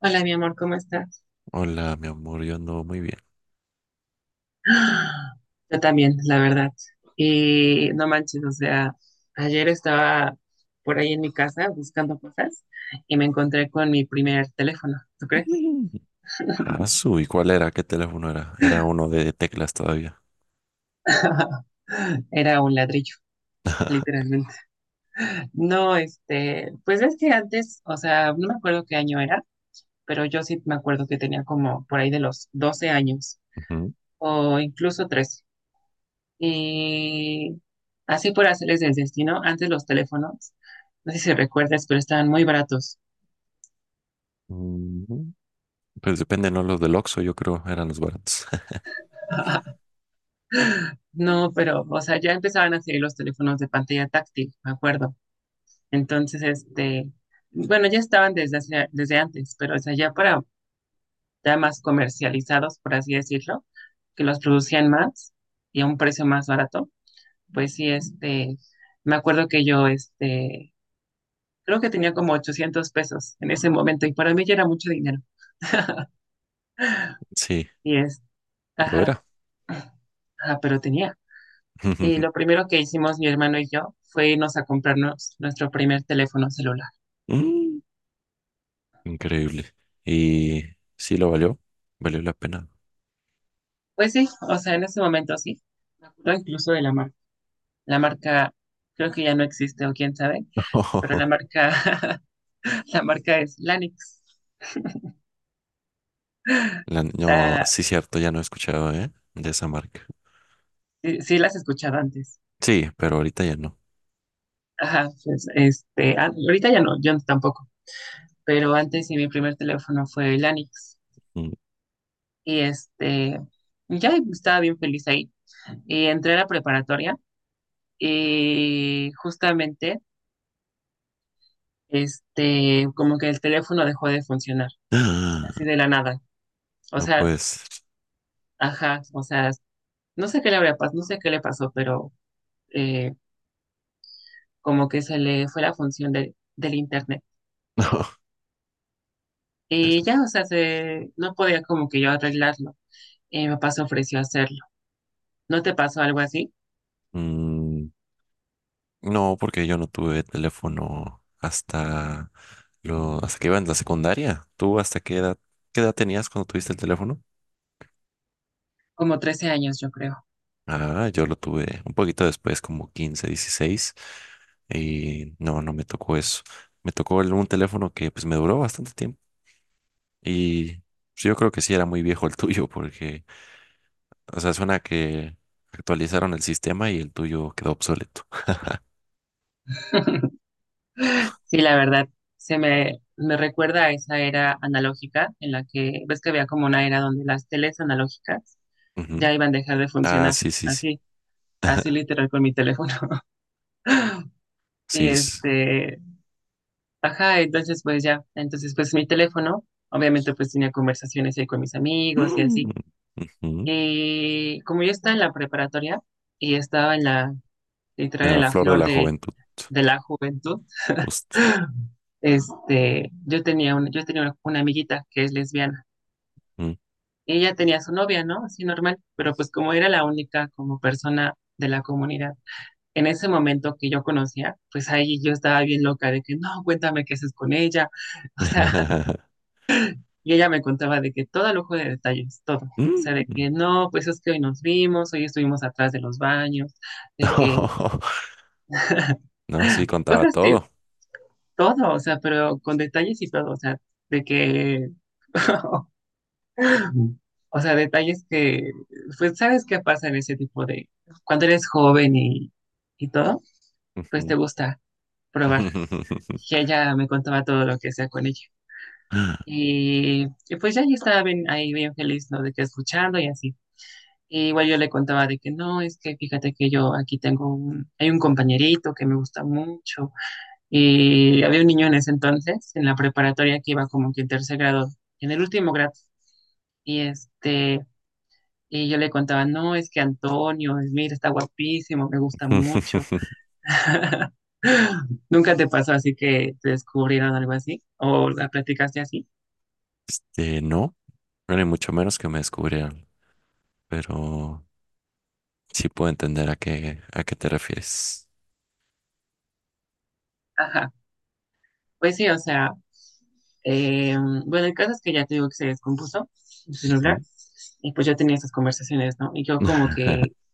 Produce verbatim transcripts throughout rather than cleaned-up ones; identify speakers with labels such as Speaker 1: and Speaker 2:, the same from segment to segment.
Speaker 1: Hola, mi amor, ¿cómo estás?
Speaker 2: Hola, mi amor, yo ando muy bien.
Speaker 1: ¡Ah! Yo también, la verdad. Y no manches, o sea, ayer estaba por ahí en mi casa buscando cosas y me encontré con mi primer teléfono, ¿tú crees?
Speaker 2: Mm. Ah, ¿su ¿y cuál era? ¿Qué teléfono era? Era uno de teclas todavía.
Speaker 1: Era un ladrillo, literalmente. No, este, pues es que antes, o sea, no me acuerdo qué año era, pero yo sí me acuerdo que tenía como por ahí de los doce años
Speaker 2: Ujú.
Speaker 1: o incluso trece. Y así por hacerles el destino, antes los teléfonos, no sé si recuerdas, pero estaban muy baratos.
Speaker 2: Ujú. Pues depende, ¿no? Los del Oxxo, yo creo, eran los baratos.
Speaker 1: No, pero, o sea, ya empezaban a salir los teléfonos de pantalla táctil, me acuerdo. Entonces, este, bueno, ya estaban desde, hace- desde antes, pero, o sea, ya para, ya más comercializados, por así decirlo, que los producían más y a un precio más barato, pues sí, este, me acuerdo que yo, este, creo que tenía como ochocientos pesos en ese momento y para mí ya era mucho dinero.
Speaker 2: Sí,
Speaker 1: Y
Speaker 2: lo
Speaker 1: ajá,
Speaker 2: era.
Speaker 1: ajá, pero tenía. Eh, lo primero que hicimos mi hermano y yo fue irnos a comprarnos nuestro primer teléfono celular.
Speaker 2: Mm. Increíble. Y sí lo valió, valió la pena.
Speaker 1: Pues sí, o sea, en ese momento sí. Me acuerdo incluso de la marca. La marca creo que ya no existe o quién sabe, pero la marca, la marca es Lanix.
Speaker 2: La- no,
Speaker 1: La,
Speaker 2: sí, cierto, ya no he escuchado, ¿eh? De esa marca.
Speaker 1: sí, sí las escuchaba antes.
Speaker 2: Sí, pero ahorita ya no.
Speaker 1: Ajá, pues este, ah, ahorita ya no, yo tampoco. Pero antes sí mi primer teléfono fue Lanix.
Speaker 2: Mm.
Speaker 1: Y este, ya estaba bien feliz ahí. Y entré a la preparatoria. Y justamente, este, como que el teléfono dejó de funcionar, así de la nada. O
Speaker 2: No,
Speaker 1: sea,
Speaker 2: pues,
Speaker 1: ajá, o sea, no sé qué le habrá pasado, no sé qué le pasó, pero eh, como que se le fue la función de- del internet.
Speaker 2: no. Es-
Speaker 1: Y ya, o sea, se, no podía como que yo arreglarlo. Y mi papá se ofreció a hacerlo. ¿No te pasó algo así?
Speaker 2: mm, No, porque yo no tuve teléfono hasta lo, hasta que iba en la secundaria. ¿Tú hasta qué edad, qué edad tenías cuando tuviste el teléfono?
Speaker 1: Como trece años, yo creo.
Speaker 2: Ah, yo lo tuve un poquito después, como quince, dieciséis. Y no, no me tocó eso. Me tocó el- un teléfono que pues me duró bastante tiempo y pues, yo creo que sí era muy viejo el tuyo porque, o sea, suena que actualizaron el sistema y el tuyo quedó obsoleto.
Speaker 1: Sí, la verdad, se me, me recuerda a esa era analógica en la que, ves que había como una era donde las teles analógicas
Speaker 2: Ujú.
Speaker 1: ya iban a dejar de
Speaker 2: Ah,
Speaker 1: funcionar,
Speaker 2: sí, sí, sí.
Speaker 1: así, así literal con mi teléfono. Y
Speaker 2: Sí. es-
Speaker 1: este, ajá, entonces pues ya, entonces pues mi teléfono, obviamente pues tenía conversaciones ahí con mis amigos y
Speaker 2: Mm.
Speaker 1: así.
Speaker 2: Ujú.
Speaker 1: Y como yo estaba en la preparatoria y estaba en la, literal
Speaker 2: En
Speaker 1: en
Speaker 2: la
Speaker 1: la
Speaker 2: flor de
Speaker 1: flor
Speaker 2: la
Speaker 1: de,
Speaker 2: juventud,
Speaker 1: de la juventud,
Speaker 2: justo.
Speaker 1: este, yo tenía un- yo tenía una una amiguita que es lesbiana.
Speaker 2: Mm.
Speaker 1: Ella tenía su novia, ¿no? Así normal, pero pues como era la única como persona de la comunidad en ese momento que yo conocía, pues ahí yo estaba bien loca de que no, cuéntame qué haces con ella, o sea, y ella me contaba de que todo lujo de detalles, todo, o sea, de
Speaker 2: Mm.
Speaker 1: que no, pues es que hoy nos vimos, hoy estuvimos atrás de los baños, de que
Speaker 2: No, sí, contaba
Speaker 1: cosas así,
Speaker 2: todo.
Speaker 1: todo, o sea, pero con detalles y todo, o sea, de que o sea, detalles que, pues, ¿sabes qué pasa en ese tipo de, cuando eres joven y, y todo? Pues te
Speaker 2: Ujú.
Speaker 1: gusta probar. Y ella me contaba todo lo que sea con ella. Y, y pues ya yo estaba bien- ahí bien feliz, ¿no? De que escuchando y así. Y igual yo le contaba de que no, es que fíjate que yo aquí tengo un, hay un compañerito que me gusta mucho. Y había un niño en ese entonces, en la preparatoria que iba como que en tercer grado, en el último grado. Y este, y yo le contaba, no, es que Antonio, es- mira, está guapísimo, me gusta mucho. ¿Nunca te pasó así que te descubrieron algo así? ¿O la platicaste así?
Speaker 2: Este, no, bueno, y mucho menos que me descubrieran, pero sí puedo entender a qué, a qué te refieres.
Speaker 1: Ajá. Pues sí, o sea, eh, bueno, el caso es que ya te digo que se descompuso su celular
Speaker 2: Ujú.
Speaker 1: y pues yo tenía esas conversaciones, ¿no? Y yo como que,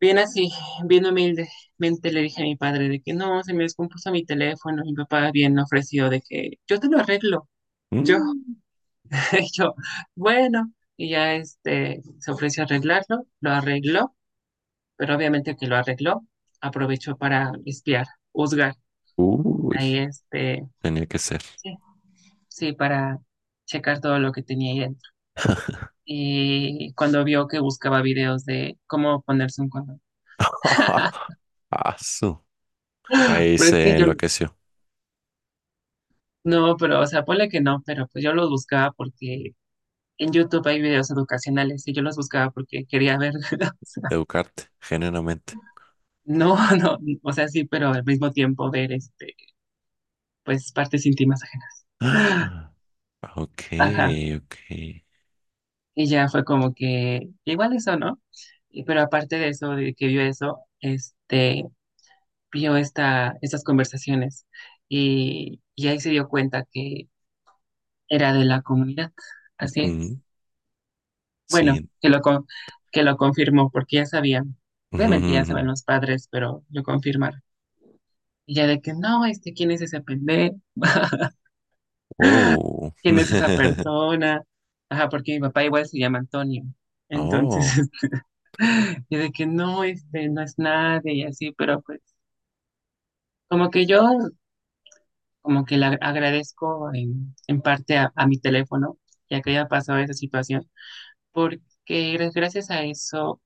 Speaker 1: bien así, bien humildemente le dije a mi padre de que no, se me descompuso mi teléfono, mi papá bien ofreció de que yo te lo arreglo. Yo,
Speaker 2: Mm.
Speaker 1: y yo, bueno, y ya este, se ofreció arreglarlo, lo arregló, pero obviamente que lo arregló, aprovechó para espiar, juzgar,
Speaker 2: Uy,
Speaker 1: ahí este,
Speaker 2: tenía que ser.
Speaker 1: sí, sí, para checar todo lo que tenía ahí dentro. Y cuando vio que buscaba videos de cómo ponerse un condón.
Speaker 2: Asu. Ahí
Speaker 1: Pero es que
Speaker 2: se
Speaker 1: yo,
Speaker 2: enloqueció.
Speaker 1: no, pero, o sea, ponle que no, pero pues yo los buscaba porque en YouTube hay videos educacionales y yo los buscaba porque quería ver, o sea,
Speaker 2: Educarte, genuinamente.
Speaker 1: no, no, o sea, sí, pero al mismo tiempo ver este pues partes íntimas ajenas.
Speaker 2: Ok,
Speaker 1: Ajá.
Speaker 2: ok.
Speaker 1: Y ya fue como que igual eso, ¿no? Y- pero aparte de eso, de que vio eso, este, vio esta, estas conversaciones y, y ahí se dio cuenta que era de la comunidad. Así es.
Speaker 2: Mm.
Speaker 1: Bueno,
Speaker 2: Sí.
Speaker 1: que lo, con- que lo confirmó porque ya sabían. Obviamente ya saben los padres, pero lo confirmaron. Y ya de que no, este, ¿quién es ese pendejo?
Speaker 2: Wow.
Speaker 1: Quién es esa persona. Ajá, porque mi papá igual se llama Antonio. Entonces,
Speaker 2: Oh,
Speaker 1: este, y de que no, este, no es nadie y así, pero pues como que yo como que le ag- agradezco en, en parte a, a mi teléfono, ya que haya pasado esa situación, porque gra- gracias a eso,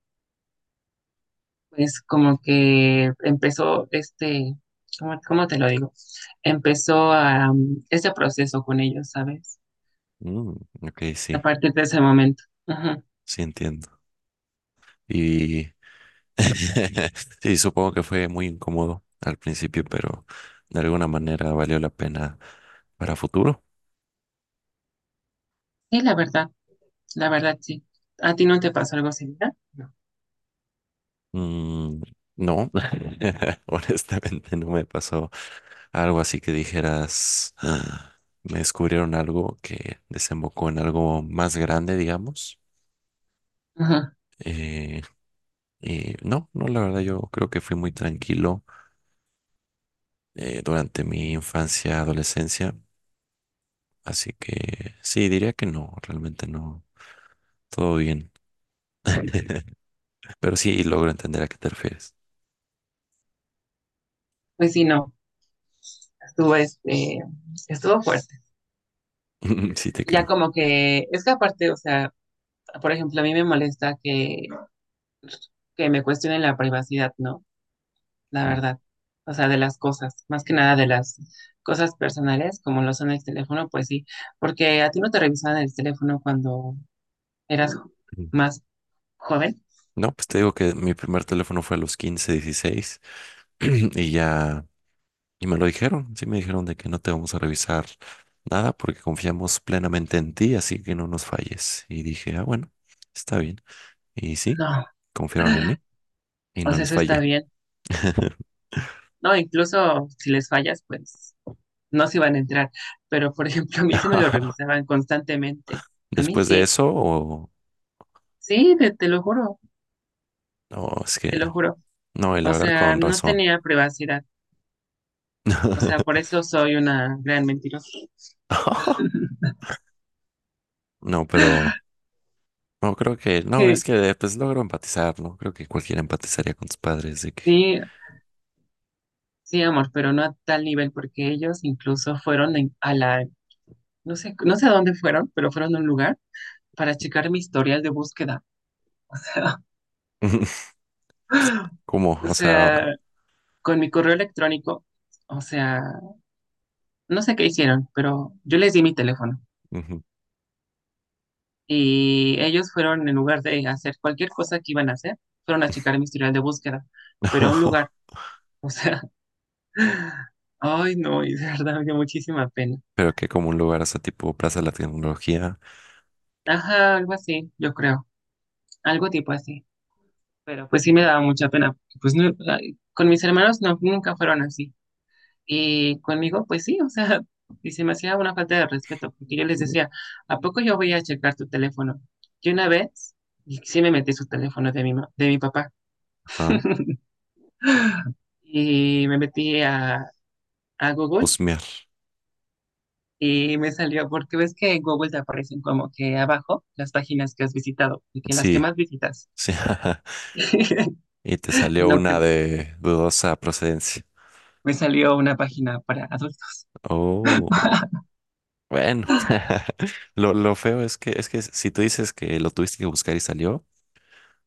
Speaker 1: pues como que empezó este, ¿cómo, cómo te lo digo? Empezó a, um, este proceso con ellos, ¿sabes?
Speaker 2: mm, ok,
Speaker 1: A
Speaker 2: sí,
Speaker 1: partir de ese momento. Ujú.
Speaker 2: sí entiendo. Y sí, supongo que fue muy incómodo al principio, pero de alguna manera valió la pena para futuro.
Speaker 1: Sí, la verdad. La verdad sí. ¿A ti no te pasó algo similar? No.
Speaker 2: Mm, no, honestamente no me pasó algo así que dijeras: "Ah, me descubrieron algo que desembocó en algo más grande", digamos.
Speaker 1: Ajá.
Speaker 2: Eh, y no, no, la verdad yo creo que fui muy tranquilo, eh, durante mi infancia, adolescencia, así que sí, diría que no, realmente no, todo bien, pero sí logro entender a qué te refieres.
Speaker 1: Pues sí, no, estuvo, este, estuvo fuerte.
Speaker 2: Sí te
Speaker 1: Ya
Speaker 2: creo.
Speaker 1: como que, es que aparte, o sea, por ejemplo, a mí me molesta que, que me cuestionen la privacidad, ¿no? La verdad. O sea, de las cosas, más que nada de las cosas personales, como lo son el teléfono, pues sí, porque a ti no te revisaban el teléfono cuando eras
Speaker 2: Ujú.
Speaker 1: más joven.
Speaker 2: No, pues te digo que mi primer teléfono fue a los quince, dieciséis, y ya, y me lo dijeron, sí me dijeron de que no te vamos a revisar nada porque confiamos plenamente en ti, así que no nos falles. Y dije, ah, bueno, está bien. Y sí,
Speaker 1: No,
Speaker 2: confiaron en mí y
Speaker 1: o
Speaker 2: no
Speaker 1: sea,
Speaker 2: les
Speaker 1: eso está
Speaker 2: fallé.
Speaker 1: bien. No, incluso si les fallas, pues no se iban a entrar, pero por ejemplo, a mí se me lo revisaban constantemente. A mí
Speaker 2: Después de
Speaker 1: sí,
Speaker 2: eso, o
Speaker 1: sí, te, te lo juro,
Speaker 2: no, es que
Speaker 1: te lo juro.
Speaker 2: no, y la
Speaker 1: O
Speaker 2: verdad
Speaker 1: sea,
Speaker 2: con
Speaker 1: no
Speaker 2: razón.
Speaker 1: tenía privacidad. O sea, por eso soy una gran mentirosa.
Speaker 2: No, pero no creo que, no,
Speaker 1: Eh,
Speaker 2: es que pues logro empatizar, ¿no? Creo que cualquiera empatizaría con tus padres de que,
Speaker 1: sí, sí, amor, pero no a tal nivel, porque ellos incluso fueron en- a la, no sé, no sé a dónde fueron, pero fueron a un lugar para checar mi historial de búsqueda. O sea,
Speaker 2: ¿cómo?
Speaker 1: o
Speaker 2: O
Speaker 1: sea,
Speaker 2: sea,
Speaker 1: con mi correo electrónico, o sea, no sé qué hicieron, pero yo les di mi teléfono.
Speaker 2: ujú.
Speaker 1: Y ellos fueron, en lugar de hacer cualquier cosa que iban a hacer, fueron a checar mi historial de búsqueda, pero a un lugar, o sea, ay no, y de verdad me dio muchísima pena.
Speaker 2: Pero que como un lugar, o sea, tipo Plaza de la Tecnología,
Speaker 1: Ajá, algo así, yo creo, algo tipo así, pero pues sí me daba mucha pena, porque, pues no, ay, con mis hermanos no, nunca fueron así, y conmigo pues sí, o sea, y se me hacía una falta de respeto, porque yo les decía, ¿a poco yo voy a checar tu teléfono? Y una vez, y sí me metí su teléfono de mi, ma- de mi papá.
Speaker 2: ajá,
Speaker 1: Y me metí a, a Google
Speaker 2: husmear.
Speaker 1: y me salió, porque ves que en Google te aparecen como que abajo las páginas que has visitado y que las que
Speaker 2: Sí,
Speaker 1: más visitas.
Speaker 2: sí, y te
Speaker 1: Y
Speaker 2: salió
Speaker 1: no
Speaker 2: una
Speaker 1: cre-
Speaker 2: de dudosa procedencia.
Speaker 1: me salió una página para adultos.
Speaker 2: Oh, bueno. Lo, lo feo es que, es que si tú dices que lo tuviste que buscar y salió,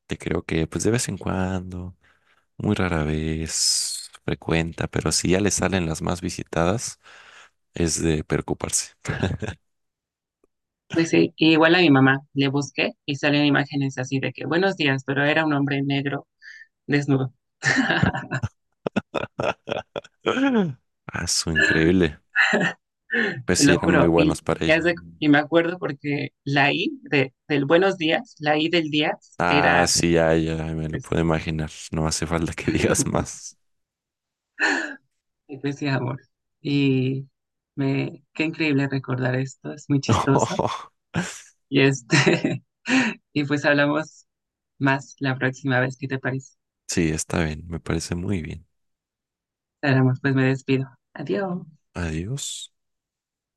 Speaker 2: te creo que pues de vez en cuando, muy rara vez, frecuenta, pero si ya le salen las más visitadas, es de preocuparse.
Speaker 1: Pues sí, y igual a mi mamá le busqué y salían imágenes así de que buenos días, pero era un hombre negro desnudo,
Speaker 2: Ah, su increíble. Pues
Speaker 1: te
Speaker 2: sí,
Speaker 1: lo
Speaker 2: eran muy
Speaker 1: juro. Y,
Speaker 2: buenos para
Speaker 1: y haz
Speaker 2: ella.
Speaker 1: de- y me acuerdo porque la I de, del buenos días, la I del día
Speaker 2: Ah,
Speaker 1: era
Speaker 2: sí, ya, ya, me lo
Speaker 1: pues,
Speaker 2: puedo imaginar. No hace falta que digas más.
Speaker 1: gracias amor. Y me, qué increíble recordar esto, es muy chistoso. Y este, y pues hablamos más la próxima vez, ¿qué te parece?
Speaker 2: Sí, está bien, me parece muy bien.
Speaker 1: Hablamos, pues me despido. Adiós.
Speaker 2: Adiós.